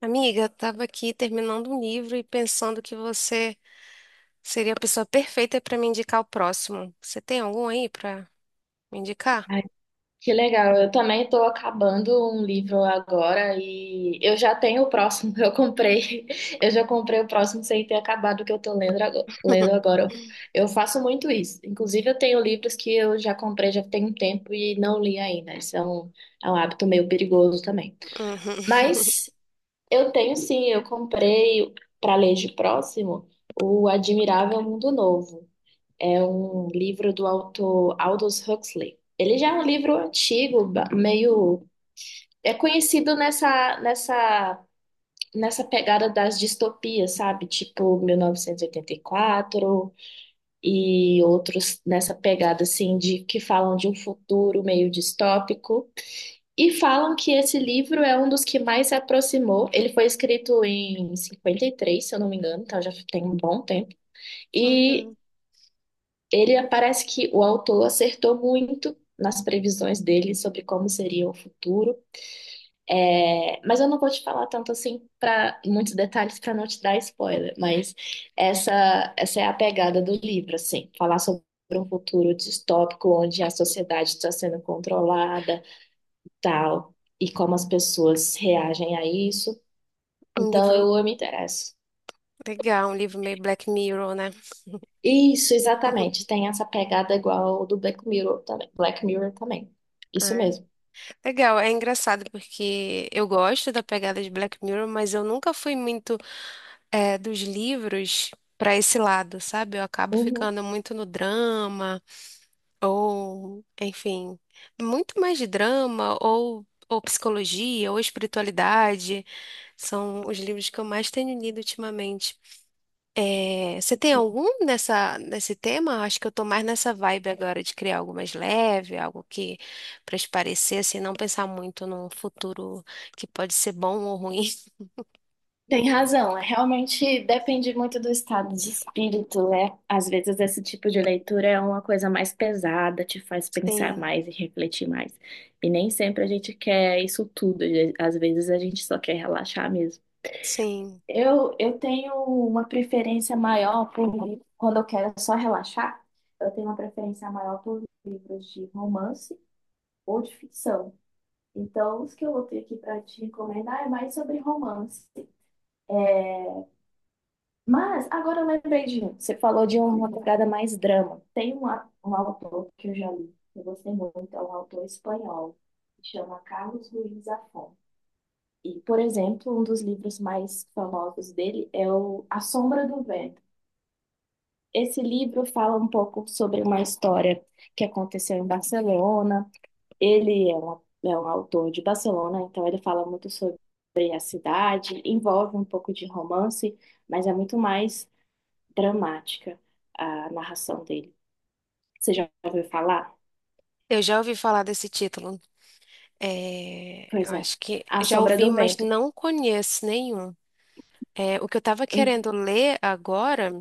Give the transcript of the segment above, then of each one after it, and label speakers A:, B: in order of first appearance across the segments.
A: Amiga, eu tava aqui terminando um livro e pensando que você seria a pessoa perfeita para me indicar o próximo. Você tem algum aí para me indicar?
B: Ai, que legal. Eu também estou acabando um livro agora e eu já tenho o próximo. Eu já comprei o próximo sem ter acabado o que eu estou lendo agora. Eu faço muito isso. Inclusive, eu tenho livros que eu já comprei já tem um tempo e não li ainda. É um hábito meio perigoso também.
A: Uhum.
B: Mas eu tenho sim, eu comprei para ler de próximo o Admirável Mundo Novo. É um livro do autor Aldous Huxley. Ele já é um livro antigo, meio. É conhecido nessa pegada das distopias, sabe? Tipo 1984 e oitenta e quatro e outros nessa pegada, assim, de que falam de um futuro meio distópico. E falam que esse livro é um dos que mais se aproximou. Ele foi escrito em 53, se eu não me engano, então já tem um bom tempo. E
A: Uhum.
B: ele parece que o autor acertou muito nas previsões dele sobre como seria o futuro. É, mas eu não vou te falar tanto assim para muitos detalhes para não te dar spoiler, mas essa é a pegada do livro, assim, falar sobre um futuro distópico onde a sociedade está sendo controlada, e tal, e como as pessoas reagem a isso.
A: Um
B: Então
A: livro
B: eu me interesso.
A: legal, um livro meio Black Mirror, né?
B: Isso, exatamente. Tem essa pegada igual do Black Mirror também. Isso
A: Ah,
B: mesmo.
A: legal. É engraçado porque eu gosto da pegada de Black Mirror, mas eu nunca fui muito dos livros para esse lado, sabe? Eu acabo
B: Uhum.
A: ficando muito no drama ou, enfim, muito mais de drama ou psicologia ou espiritualidade. São os livros que eu mais tenho lido ultimamente. É, você tem algum nesse tema? Acho que eu tô mais nessa vibe agora de criar algo mais leve, algo que para espairecer, assim, não pensar muito num futuro que pode ser bom ou ruim.
B: Tem razão, é, realmente depende muito do estado de espírito, né? Às vezes esse tipo de leitura é uma coisa mais pesada, te faz pensar
A: Sim,
B: mais e refletir mais. E nem sempre a gente quer isso tudo, e às vezes a gente só quer relaxar mesmo.
A: sim.
B: Eu tenho uma preferência maior por livro, quando eu quero só relaxar, eu tenho uma preferência maior por livros de romance ou de ficção. Então, os que eu vou ter aqui para te recomendar é mais sobre romance. Mas agora eu lembrei de um. Você falou de uma pegada mais drama. Um autor que eu já li, que eu gostei muito, é um autor espanhol, que chama Carlos Ruiz Zafón. E, por exemplo, um dos livros mais famosos dele é o A Sombra do Vento. Esse livro fala um pouco sobre uma história que aconteceu em Barcelona. É um autor de Barcelona, então ele fala muito sobre a cidade, envolve um pouco de romance, mas é muito mais dramática a narração dele. Você já ouviu falar?
A: Eu já ouvi falar desse título. É, eu
B: Pois é.
A: acho que
B: A
A: já
B: Sombra
A: ouvi,
B: do
A: mas
B: Vento.
A: não conheço nenhum. É, o que eu estava
B: Hum.
A: querendo ler agora.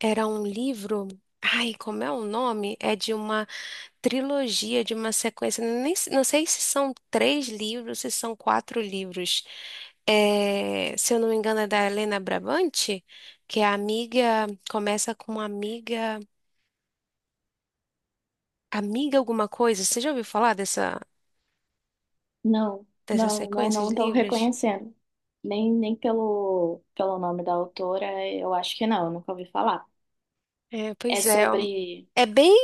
A: Era um livro. Ai, como é o nome? É de uma trilogia, de uma sequência. Nem, não sei se são três livros, se são quatro livros. É, se eu não me engano, é da Helena Brabante, que é a amiga. Começa com amiga. Amiga alguma coisa. Você já ouviu falar dessa,
B: Não,
A: dessa
B: não, não,
A: sequência
B: não
A: de
B: estou
A: livros?
B: reconhecendo. Nem pelo nome da autora, eu acho que não, eu nunca ouvi falar.
A: É,
B: É
A: pois é.
B: sobre.
A: É bem.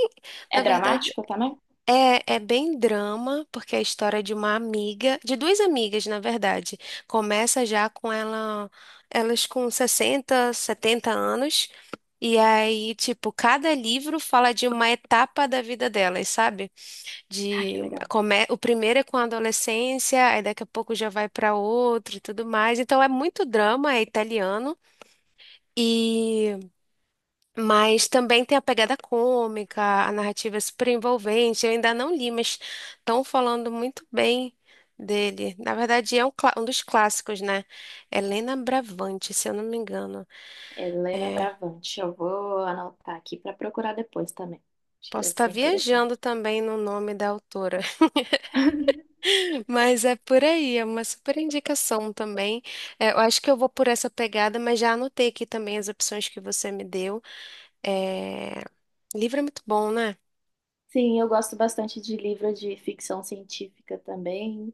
B: É
A: Na verdade.
B: dramático também?
A: É bem drama, porque é a história de uma amiga, de duas amigas, na verdade. Começa já com ela, elas com 60, 70 anos, e aí, tipo, cada livro fala de uma etapa da vida delas, sabe?
B: Ah, que
A: De,
B: legal.
A: o primeiro é com a adolescência, aí daqui a pouco já vai para outro e tudo mais. Então é muito drama, é italiano. E mas também tem a pegada cômica, a narrativa é super envolvente. Eu ainda não li, mas estão falando muito bem dele. Na verdade, é um dos clássicos, né? Helena Bravante, se eu não me engano.
B: Helena
A: É,
B: Bravante. Eu vou anotar aqui para procurar depois também. Acho que
A: posso
B: deve
A: estar
B: ser
A: viajando
B: interessante.
A: também no nome da autora, mas é por aí, é uma super indicação também. É, eu acho que eu vou por essa pegada, mas já anotei aqui também as opções que você me deu. É, livro é muito bom, né?
B: Sim, eu gosto bastante de livro de ficção científica também.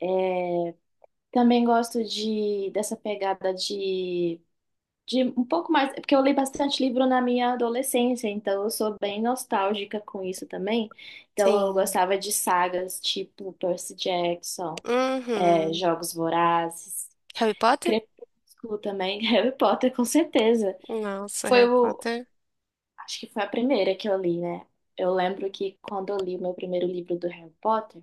B: É, também gosto de dessa pegada de um pouco mais, é porque eu li bastante livro na minha adolescência, então eu sou bem nostálgica com isso também. Então eu
A: Sim.
B: gostava de sagas tipo Percy Jackson, é,
A: Uhum.
B: Jogos Vorazes,
A: Harry Potter?
B: Crepúsculo também, Harry Potter com certeza.
A: Nossa,
B: Foi
A: Harry
B: o,
A: Potter,
B: acho que foi a primeira que eu li, né? Eu lembro que quando eu li o meu primeiro livro do Harry Potter,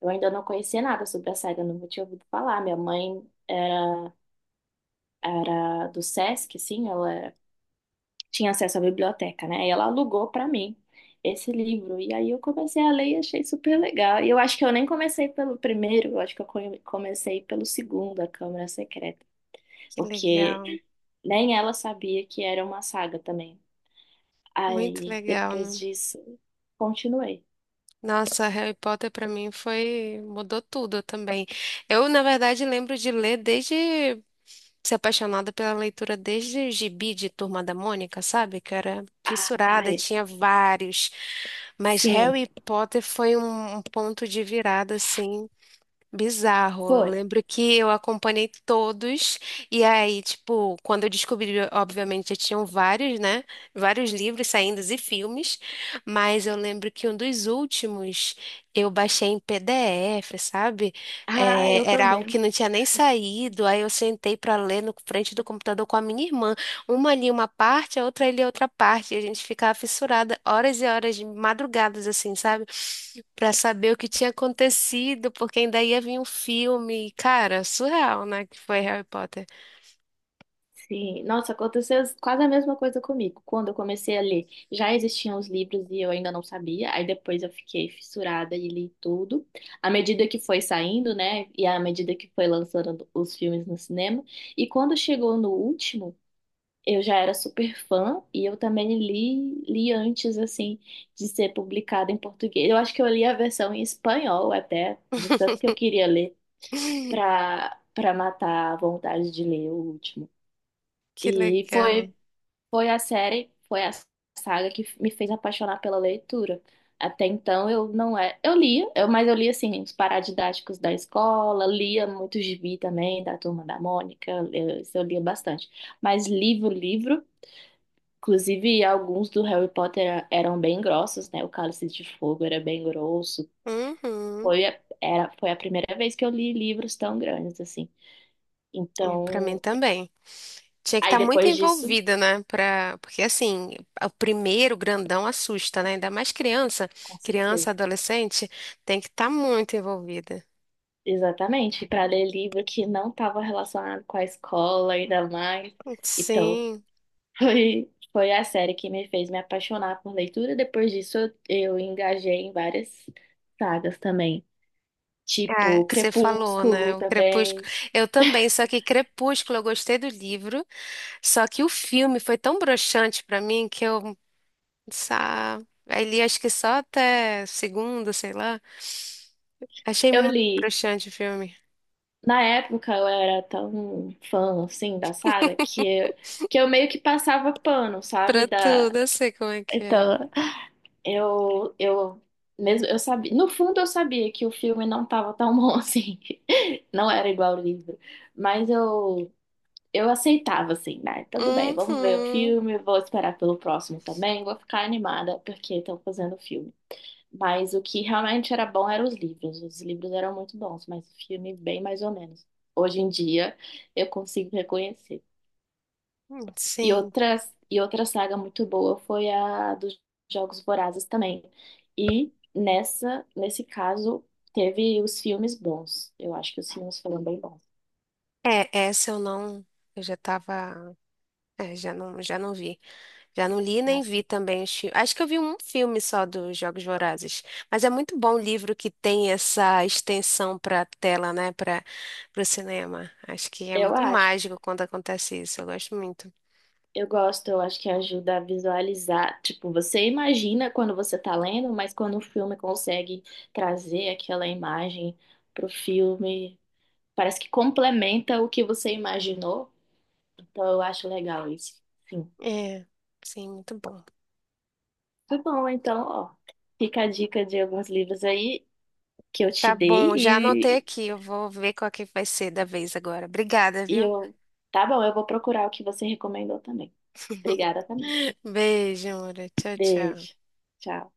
B: eu ainda não conhecia nada sobre a saga, não tinha ouvido falar. Minha mãe era do Sesc, assim, ela tinha acesso à biblioteca, né? E ela alugou para mim esse livro. E aí eu comecei a ler e achei super legal. E eu acho que eu nem comecei pelo primeiro, eu acho que comecei pelo segundo, A Câmara Secreta,
A: que
B: porque
A: legal.
B: nem ela sabia que era uma saga também.
A: Muito
B: Aí
A: legal,
B: depois
A: né?
B: disso, continuei.
A: Nossa, Harry Potter pra mim foi mudou tudo também. Eu, na verdade, lembro de ler desde ser apaixonada pela leitura desde o gibi de Turma da Mônica, sabe? Que eu era fissurada,
B: Ai,
A: tinha vários. Mas
B: sim,
A: Harry Potter foi um ponto de virada, assim, bizarro. Eu
B: foi.
A: lembro que eu acompanhei todos, e aí, tipo, quando eu descobri, obviamente, já tinham vários, né? Vários livros saindo e filmes, mas eu lembro que um dos últimos eu baixei em PDF, sabe?
B: Ah, eu
A: É, era algo
B: também.
A: que não tinha nem saído, aí eu sentei pra ler no frente do computador com a minha irmã. Uma ali uma parte, a outra ali outra parte. E a gente ficava fissurada horas e horas de madrugadas, assim, sabe? Pra saber o que tinha acontecido, porque ainda ia vir um filme. Cara, surreal, né? Que foi Harry Potter.
B: Sim, nossa, aconteceu quase a mesma coisa comigo. Quando eu comecei a ler, já existiam os livros e eu ainda não sabia. Aí depois eu fiquei fissurada e li tudo. À medida que foi saindo, né? E à medida que foi lançando os filmes no cinema. E quando chegou no último, eu já era super fã e eu também li, li antes, assim, de ser publicado em português. Eu acho que eu li a versão em espanhol até, de tanto que eu queria ler, pra matar a vontade de ler o último.
A: Que
B: E foi
A: legal.
B: foi foi a saga que me fez apaixonar pela leitura. Até então eu não é, eu lia, mas eu lia assim os paradidáticos da escola, lia muito gibi também da Turma da Mônica, isso eu lia bastante. Mas livro, inclusive alguns do Harry Potter eram bem grossos, né? O Cálice de Fogo era bem grosso.
A: Uhum.
B: Foi a primeira vez que eu li livros tão grandes assim.
A: É, pra mim
B: Então,
A: também. Tinha que estar
B: aí
A: muito
B: depois disso,
A: envolvida, né? Porque, assim, o primeiro grandão assusta, né? Ainda mais criança.
B: com
A: Criança,
B: certeza.
A: adolescente, tem que estar muito envolvida.
B: Exatamente, para ler livro que não estava relacionado com a escola, ainda mais. Então,
A: Sim.
B: foi a série que me fez me apaixonar por leitura. Depois disso, eu engajei em várias sagas também,
A: É,
B: tipo
A: você falou, né?
B: Crepúsculo
A: O Crepúsculo.
B: também.
A: Eu também, só que Crepúsculo eu gostei do livro, só que o filme foi tão broxante pra mim que eu sa- aí li acho que só até segunda, sei lá. Achei
B: Eu
A: muito
B: li.
A: broxante o filme.
B: Na época, eu era tão fã, assim, da saga, que eu meio que passava pano, sabe?
A: Pra
B: Da,
A: tudo, eu sei como é que é.
B: então, eu mesmo eu sabia, no fundo eu sabia que o filme não estava tão bom assim. Não era igual o livro, mas eu aceitava assim, né? Tudo bem, vamos ver o
A: Uhum,
B: filme, vou esperar pelo próximo também, vou ficar animada porque estão fazendo o filme. Mas o que realmente era bom eram os livros. Os livros eram muito bons, mas o filme bem mais ou menos. Hoje em dia eu consigo reconhecer.
A: sim.
B: E outra saga muito boa foi a dos Jogos Vorazes também. Nesse caso, teve os filmes bons. Eu acho que os filmes foram bem bons.
A: É, essa eu não, eu já tava, já não vi. Já não li nem vi
B: Assim,
A: também os filmes. Acho que eu vi um filme só dos Jogos Vorazes. Mas é muito bom o livro que tem essa extensão para tela, né? Para o cinema. Acho que é
B: eu
A: muito
B: acho.
A: mágico quando acontece isso. Eu gosto muito.
B: Eu acho que ajuda a visualizar. Tipo, você imagina quando você tá lendo, mas quando o filme consegue trazer aquela imagem pro filme, parece que complementa o que você imaginou. Então, eu acho legal isso. Sim.
A: É, sim, muito bom.
B: Tá bom, então, ó. Fica a dica de alguns livros aí que eu te
A: Tá
B: dei
A: bom, já anotei aqui. Eu vou ver qual que vai ser da vez agora. Obrigada,
B: e
A: viu?
B: eu. Tá bom, eu vou procurar o que você recomendou também. Obrigada também.
A: Beijo, amor. Tchau, tchau.
B: Beijo. Tchau.